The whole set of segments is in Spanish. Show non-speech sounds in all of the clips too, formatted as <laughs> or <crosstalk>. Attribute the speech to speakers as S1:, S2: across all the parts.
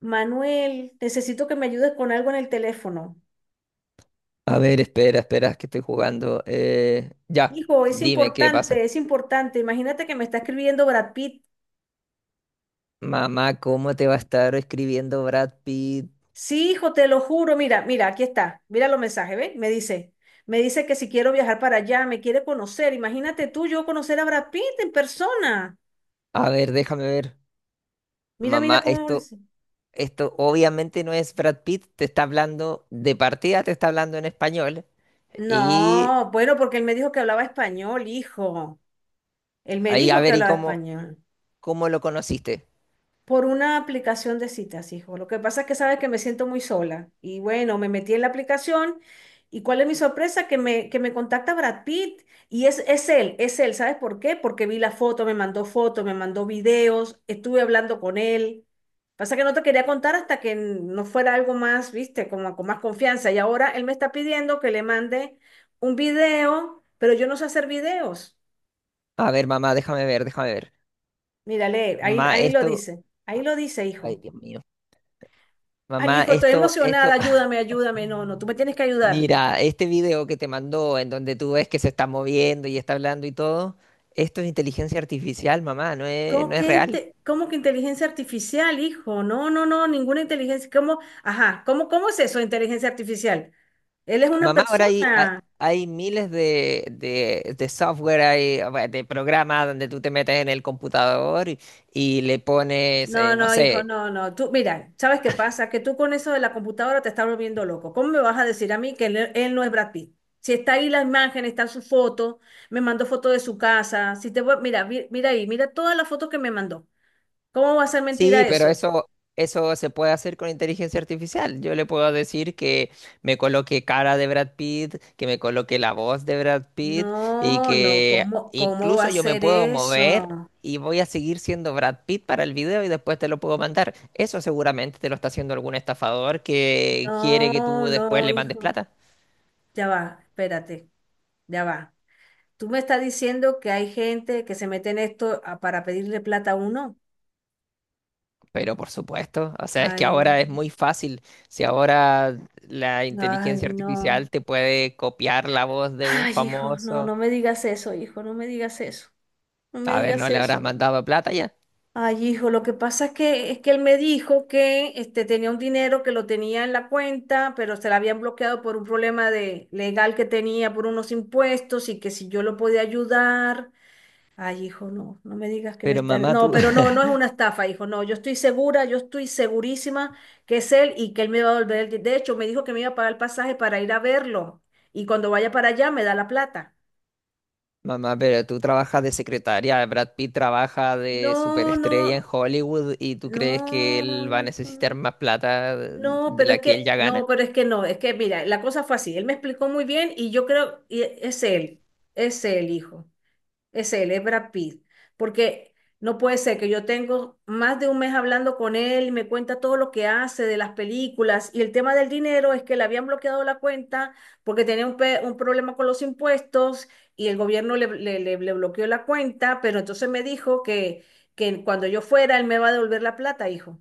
S1: Manuel, necesito que me ayudes con algo en el teléfono.
S2: A ver, espera, espera, que estoy jugando. Ya,
S1: Hijo, es
S2: dime qué
S1: importante,
S2: pasa.
S1: es importante. Imagínate que me está escribiendo Brad Pitt.
S2: Mamá, ¿cómo te va a estar escribiendo Brad Pitt?
S1: Sí, hijo, te lo juro. Mira, mira, aquí está. Mira los mensajes, ¿ves? Me dice que si quiero viajar para allá, me quiere conocer. Imagínate tú, yo conocer a Brad Pitt en persona.
S2: A ver, déjame ver.
S1: Mira,
S2: Mamá,
S1: mira cómo
S2: esto,
S1: dice.
S2: esto obviamente no es Brad Pitt, te está hablando, de partida te está hablando en español. Y
S1: No, bueno, porque él me dijo que hablaba español, hijo. Él me
S2: ahí, a
S1: dijo que
S2: ver, ¿y
S1: hablaba
S2: cómo,
S1: español.
S2: cómo lo conociste?
S1: Por una aplicación de citas, hijo. Lo que pasa es que sabes que me siento muy sola. Y bueno, me metí en la aplicación y cuál es mi sorpresa, que me contacta Brad Pitt. Y es él, es él. ¿Sabes por qué? Porque vi la foto, me mandó fotos, me mandó videos, estuve hablando con él. Pasa que no te quería contar hasta que no fuera algo más, viste, como con más confianza. Y ahora él me está pidiendo que le mande un video, pero yo no sé hacer videos.
S2: A ver, mamá, déjame ver, déjame ver.
S1: Mírale, ahí,
S2: Mamá,
S1: ahí lo
S2: esto.
S1: dice, ahí lo dice,
S2: Ay,
S1: hijo.
S2: Dios mío.
S1: Ay,
S2: Mamá,
S1: hijo, estoy
S2: esto,
S1: emocionada,
S2: esto.
S1: ayúdame, ayúdame. No, no, tú
S2: <laughs>
S1: me tienes que ayudar.
S2: Mira, este video que te mandó, en donde tú ves que se está moviendo y está hablando y todo, esto es inteligencia artificial, mamá, no es,
S1: ¿Cómo
S2: no es
S1: que,
S2: real.
S1: inte- cómo que inteligencia artificial, hijo? No, no, no, ninguna inteligencia. ¿Cómo? Ajá, ¿cómo es eso, inteligencia artificial? Él es una
S2: Mamá, ahora hay, hay,
S1: persona.
S2: hay miles de software, hay, bueno, de programas donde tú te metes en el computador y le pones,
S1: No,
S2: no
S1: no, hijo,
S2: sé.
S1: no, no. Tú, mira, ¿sabes qué pasa? Que tú con eso de la computadora te estás volviendo loco. ¿Cómo me vas a decir a mí que él no es Brad Pitt? Si está ahí la imagen, está su foto, me mandó foto de su casa. Si te, voy- mira, vi- mira ahí, mira todas las fotos que me mandó. ¿Cómo va a ser
S2: Sí,
S1: mentira
S2: pero
S1: eso?
S2: eso se puede hacer con inteligencia artificial. Yo le puedo decir que me coloque cara de Brad Pitt, que me coloque la voz de Brad Pitt y
S1: No, no,
S2: que
S1: ¿cómo va
S2: incluso
S1: a
S2: yo me
S1: ser
S2: puedo mover
S1: eso?
S2: y voy a seguir siendo Brad Pitt para el video y después te lo puedo mandar. Eso seguramente te lo está haciendo algún estafador que quiere que
S1: No,
S2: tú después
S1: no,
S2: le mandes
S1: hijo.
S2: plata.
S1: Ya va, espérate, ya va. ¿Tú me estás diciendo que hay gente que se mete en esto para pedirle plata a uno?
S2: Pero por supuesto, o sea, es que
S1: Ay,
S2: ahora es muy fácil. Si ahora la
S1: ay,
S2: inteligencia
S1: no.
S2: artificial te puede copiar la voz de un
S1: Ay, hijo, no,
S2: famoso.
S1: no me digas eso, hijo, no me digas eso. No me
S2: A ver,
S1: digas
S2: no le habrás
S1: eso.
S2: mandado plata ya.
S1: Ay, hijo, lo que pasa es que él me dijo que tenía un dinero que lo tenía en la cuenta, pero se la habían bloqueado por un problema de, legal que tenía por unos impuestos y que si yo lo podía ayudar. Ay, hijo, no, no me digas que me
S2: Pero
S1: están...
S2: mamá,
S1: No,
S2: tú,
S1: pero no,
S2: <laughs>
S1: no es una estafa, hijo, no, yo estoy segura, yo estoy segurísima que es él y que él me va a devolver. De hecho, me dijo que me iba a pagar el pasaje para ir a verlo y cuando vaya para allá me da la plata.
S2: mamá, pero tú trabajas de secretaria. Brad Pitt trabaja de
S1: No,
S2: superestrella en
S1: no,
S2: Hollywood y tú crees que
S1: no,
S2: él va a
S1: hijo,
S2: necesitar
S1: no.
S2: más plata
S1: No,
S2: de
S1: pero
S2: la
S1: es
S2: que él
S1: que,
S2: ya gana.
S1: no, pero es que no, es que mira, la cosa fue así, él me explicó muy bien y yo creo, es él, hijo, es él, es Brad Pitt, porque no puede ser que yo tengo más de un mes hablando con él y me cuenta todo lo que hace de las películas. Y el tema del dinero es que le habían bloqueado la cuenta porque tenía un problema con los impuestos y el gobierno le bloqueó la cuenta, pero entonces me dijo que cuando yo fuera él me va a devolver la plata, hijo.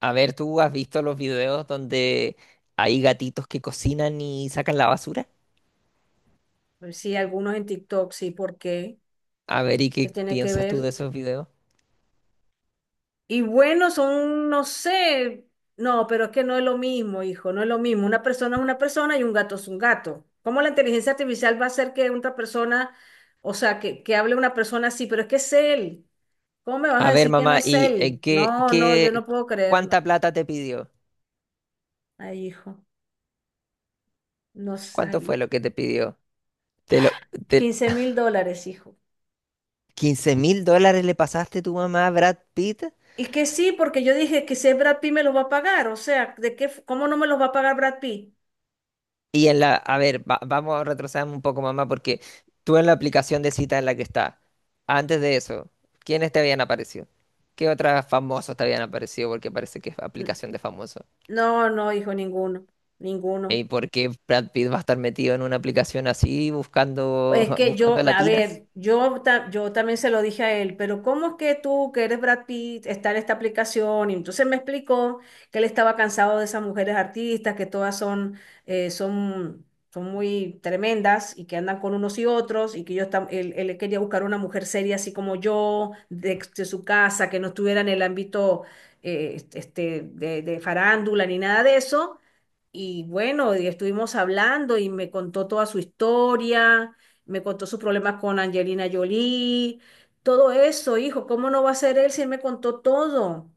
S2: A ver, ¿tú has visto los videos donde hay gatitos que cocinan y sacan la basura?
S1: Pues sí, algunos en TikTok, sí, ¿por qué?
S2: A ver, ¿y
S1: ¿Qué
S2: qué
S1: tiene que
S2: piensas tú
S1: ver?
S2: de esos videos?
S1: Y bueno, son, no sé, no, pero es que no es lo mismo, hijo, no es lo mismo. Una persona es una persona y un gato es un gato. ¿Cómo la inteligencia artificial va a hacer que otra persona, o sea, que hable una persona así, pero es que es él? ¿Cómo me vas a
S2: A ver,
S1: decir que no
S2: mamá,
S1: es
S2: ¿y
S1: él? No, no, yo
S2: qué,
S1: no puedo creer, no.
S2: cuánta plata te pidió?
S1: Ay, hijo, no sé,
S2: ¿Cuánto fue
S1: ay,
S2: lo que te pidió? Te lo, te-
S1: 15 mil dólares, hijo.
S2: $15.000 le pasaste tu mamá a Brad Pitt.
S1: Y que sí, porque yo dije que si es Brad Pitt me los va a pagar, o sea, cómo no me los va a pagar Brad Pitt?
S2: Y en la, a ver, va- vamos a retroceder un poco, mamá, porque tú en la aplicación de cita en la que está, antes de eso, ¿quiénes te habían aparecido? ¿Qué otros famosos te habían aparecido? Porque parece que es aplicación de famosos.
S1: No, no, hijo, ninguno, ninguno.
S2: ¿Y por qué Brad Pitt va a estar metido en una aplicación así buscando,
S1: Es
S2: <laughs>
S1: que
S2: buscando
S1: yo, a
S2: latinas?
S1: ver, yo también se lo dije a él, pero ¿cómo es que tú, que eres Brad Pitt, está en esta aplicación? Y entonces me explicó que él estaba cansado de esas mujeres artistas, que todas eh, son, son muy tremendas y que andan con unos y otros, y que él quería buscar una mujer seria así como yo, de su casa, que no estuviera en el ámbito de farándula ni nada de eso. Y bueno, y estuvimos hablando y me contó toda su historia. Me contó sus problemas con Angelina Jolie, todo eso, hijo. ¿Cómo no va a ser él si él me contó todo?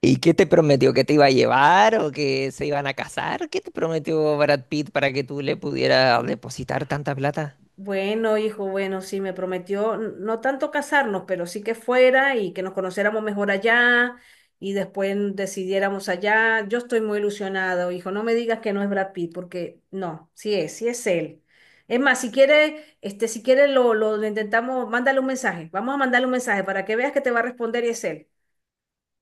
S2: ¿Y qué te prometió? ¿Que te iba a llevar o que se iban a casar? ¿Qué te prometió Brad Pitt para que tú le pudieras depositar tanta plata?
S1: Bueno, hijo, bueno, sí, me prometió no tanto casarnos, pero sí que fuera y que nos conociéramos mejor allá y después decidiéramos allá. Yo estoy muy ilusionado, hijo. No me digas que no es Brad Pitt, porque no, sí es él. Es más, si quiere, si quiere lo intentamos, mándale un mensaje. Vamos a mandarle un mensaje para que veas que te va a responder y es él.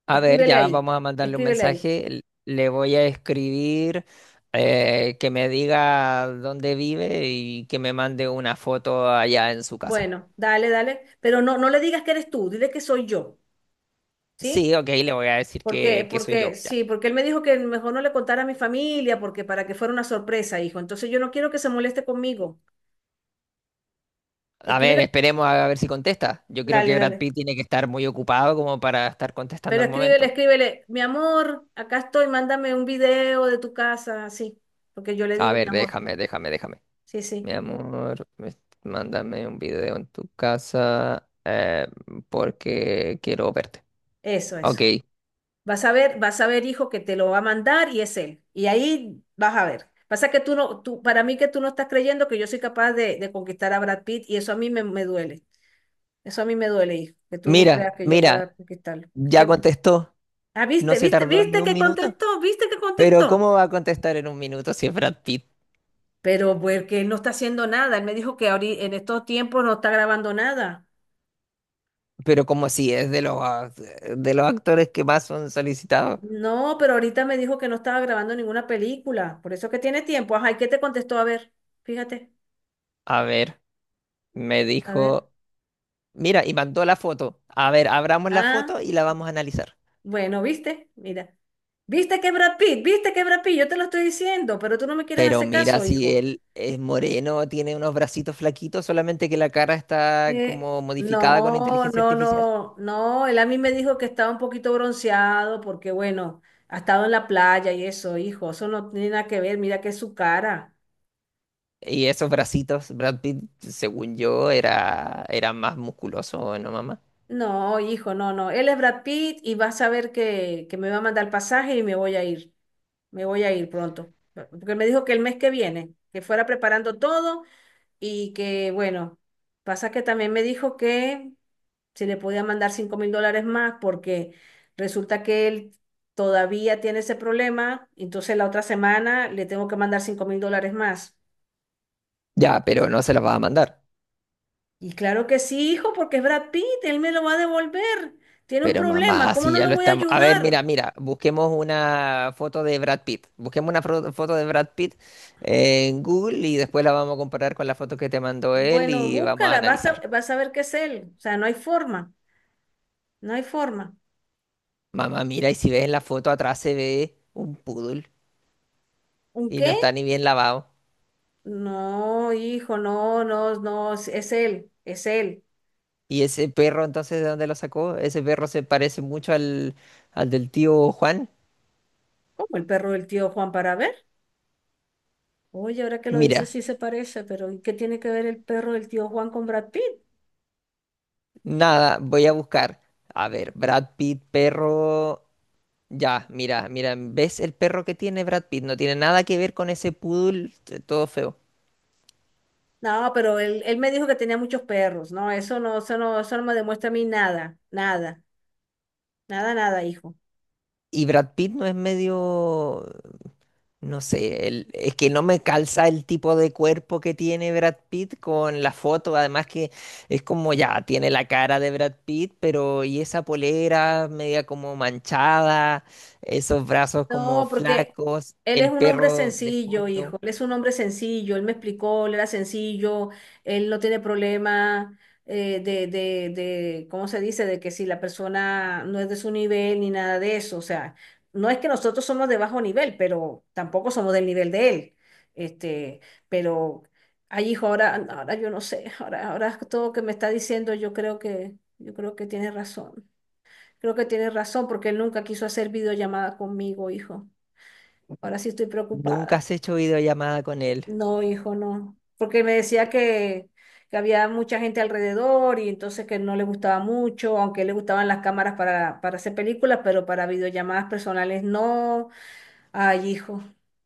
S2: A ver,
S1: Escríbele
S2: ya
S1: ahí,
S2: vamos a mandarle un
S1: escríbele ahí.
S2: mensaje. Le voy a escribir que me diga dónde vive y que me mande una foto allá en su casa.
S1: Bueno, dale, dale, pero no, no le digas que eres tú, dile que soy yo,
S2: Sí,
S1: ¿sí?
S2: ok, le voy a decir
S1: Porque,
S2: que soy
S1: porque,
S2: yo, ya.
S1: sí, porque él me dijo que mejor no le contara a mi familia, porque para que fuera una sorpresa, hijo. Entonces yo no quiero que se moleste conmigo.
S2: A ver,
S1: Escríbele,
S2: esperemos a ver si contesta. Yo creo que
S1: dale,
S2: Brad
S1: dale.
S2: Pitt tiene que estar muy ocupado como para estar contestando
S1: Pero
S2: al
S1: escríbele,
S2: momento.
S1: escríbele, mi amor, acá estoy, mándame un video de tu casa, así, porque yo le
S2: A
S1: digo mi
S2: ver,
S1: amor.
S2: déjame, déjame, déjame.
S1: Sí,
S2: Mi
S1: sí,
S2: amor, me- Mándame un video en tu casa porque quiero verte.
S1: eso,
S2: Ok,
S1: eso. Vas a ver, hijo, que te lo va a mandar y es él. Y ahí vas a ver. Pasa que tú no, tú, para mí que tú no estás creyendo que yo soy capaz de conquistar a Brad Pitt y eso a mí me duele. Eso a mí me duele, hijo, que tú no creas
S2: mira,
S1: que yo pueda
S2: mira,
S1: conquistarlo.
S2: ya
S1: Que-
S2: contestó.
S1: ah,
S2: No
S1: viste,
S2: se
S1: viste,
S2: tardó ni
S1: viste
S2: un
S1: que
S2: minuto.
S1: contestó, viste que
S2: Pero
S1: contestó.
S2: ¿cómo va a contestar en un minuto si es Brad Pitt?
S1: Pero porque él no está haciendo nada. Él me dijo que ahorita, en estos tiempos no está grabando nada.
S2: Pero como si es de los, de los actores que más son solicitados.
S1: No, pero ahorita me dijo que no estaba grabando ninguna película. Por eso que tiene tiempo. Ajá, ¿y qué te contestó? A ver, fíjate.
S2: A ver, me
S1: A ver.
S2: dijo, mira, y mandó la foto. A ver, abramos la
S1: Ah.
S2: foto y la vamos a analizar.
S1: Bueno, ¿viste? Mira. ¿Viste que Brad Pitt? ¿Viste que Brad Pitt? Yo te lo estoy diciendo, pero tú no me quieres
S2: Pero
S1: hacer
S2: mira,
S1: caso,
S2: si
S1: hijo.
S2: él es moreno, tiene unos bracitos flaquitos, solamente que la cara está
S1: Eh,
S2: como modificada con
S1: no,
S2: inteligencia
S1: no,
S2: artificial.
S1: no, no. Él a mí me dijo que estaba un poquito bronceado porque, bueno, ha estado en la playa y eso, hijo. Eso no tiene nada que ver. Mira que es su cara.
S2: Y esos bracitos, Brad Pitt, según yo, era, era más musculoso, ¿no, mamá?
S1: No, hijo, no, no. Él es Brad Pitt y vas a ver que me va a mandar el pasaje y me voy a ir. Me voy a ir pronto. Porque me dijo que el mes que viene, que fuera preparando todo y que, bueno, pasa que también me dijo que se le podía mandar 5.000 dólares más porque resulta que él todavía tiene ese problema, entonces la otra semana le tengo que mandar 5.000 dólares más.
S2: Ya, pero no se las va a mandar.
S1: Y claro que sí, hijo, porque es Brad Pitt, él me lo va a devolver. Tiene un
S2: Pero
S1: problema,
S2: mamá,
S1: ¿cómo
S2: si
S1: no
S2: ya
S1: lo
S2: lo
S1: voy a
S2: estamos. A ver, mira,
S1: ayudar?
S2: mira, busquemos una foto de Brad Pitt. Busquemos una foto de Brad Pitt en Google y después la vamos a comparar con la foto que te mandó él
S1: Bueno,
S2: y vamos a
S1: búscala, vas a,
S2: analizar.
S1: vas a ver qué es él. O sea, no hay forma, no hay forma.
S2: Mamá, mira, y si ves en la foto atrás se ve un poodle
S1: ¿Un
S2: y no
S1: qué?
S2: está ni bien lavado.
S1: No, hijo, no, no, no, es él, es él.
S2: ¿Y ese perro entonces de dónde lo sacó? Ese perro se parece mucho al del tío Juan.
S1: ¿Cómo el perro del tío Juan para ver? Oye, ahora que lo dices
S2: Mira,
S1: sí se parece, pero ¿y qué tiene que ver el perro del tío Juan con Brad Pitt?
S2: nada, voy a buscar. A ver, Brad Pitt, perro. Ya, mira, mira, ¿ves el perro que tiene Brad Pitt? No tiene nada que ver con ese poodle todo feo.
S1: No, pero él me dijo que tenía muchos perros. No, eso no, eso no, eso no me demuestra a mí nada, nada, nada, nada, hijo.
S2: Y Brad Pitt no es medio, no sé, es que no me calza el tipo de cuerpo que tiene Brad Pitt con la foto. Además que es como ya, tiene la cara de Brad Pitt, pero y esa polera media como manchada, esos brazos como
S1: No, porque
S2: flacos,
S1: él es
S2: el
S1: un hombre
S2: perro de
S1: sencillo,
S2: fondo.
S1: hijo. Él es un hombre sencillo. Él me explicó, él era sencillo. Él no tiene problema ¿cómo se dice? De que si la persona no es de su nivel ni nada de eso. O sea, no es que nosotros somos de bajo nivel, pero tampoco somos del nivel de él. Este, pero, ay, hijo, ahora, ahora yo no sé. Ahora, ahora todo que me está diciendo, yo creo que tiene razón. Creo que tiene razón porque él nunca quiso hacer videollamada conmigo, hijo. Ahora sí estoy
S2: Nunca
S1: preocupada.
S2: has hecho videollamada con él.
S1: No, hijo, no. Porque me decía que había mucha gente alrededor y entonces que no le gustaba mucho, aunque le gustaban las cámaras para, hacer películas, pero para videollamadas personales no. Ay, hijo,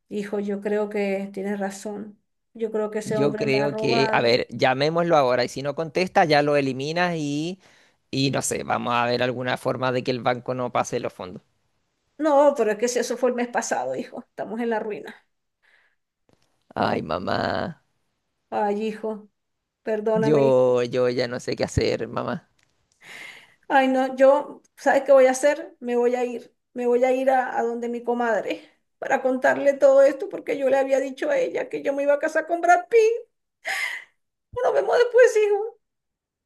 S1: hijo, yo creo que tienes razón. Yo creo que ese
S2: Yo
S1: hombre me ha
S2: creo que, a
S1: robado.
S2: ver, llamémoslo ahora y si no contesta ya lo eliminas y no sé, vamos a ver alguna forma de que el banco no pase los fondos.
S1: No, pero es que si eso fue el mes pasado, hijo. Estamos en la ruina.
S2: Ay, mamá,
S1: Ay, hijo, perdóname, hijo.
S2: yo ya no sé qué hacer, mamá.
S1: Ay, no, yo, ¿sabes qué voy a hacer? Me voy a ir a donde mi comadre para contarle todo esto porque yo le había dicho a ella que yo me iba a casar con Brad Pitt. Nos vemos después, hijo.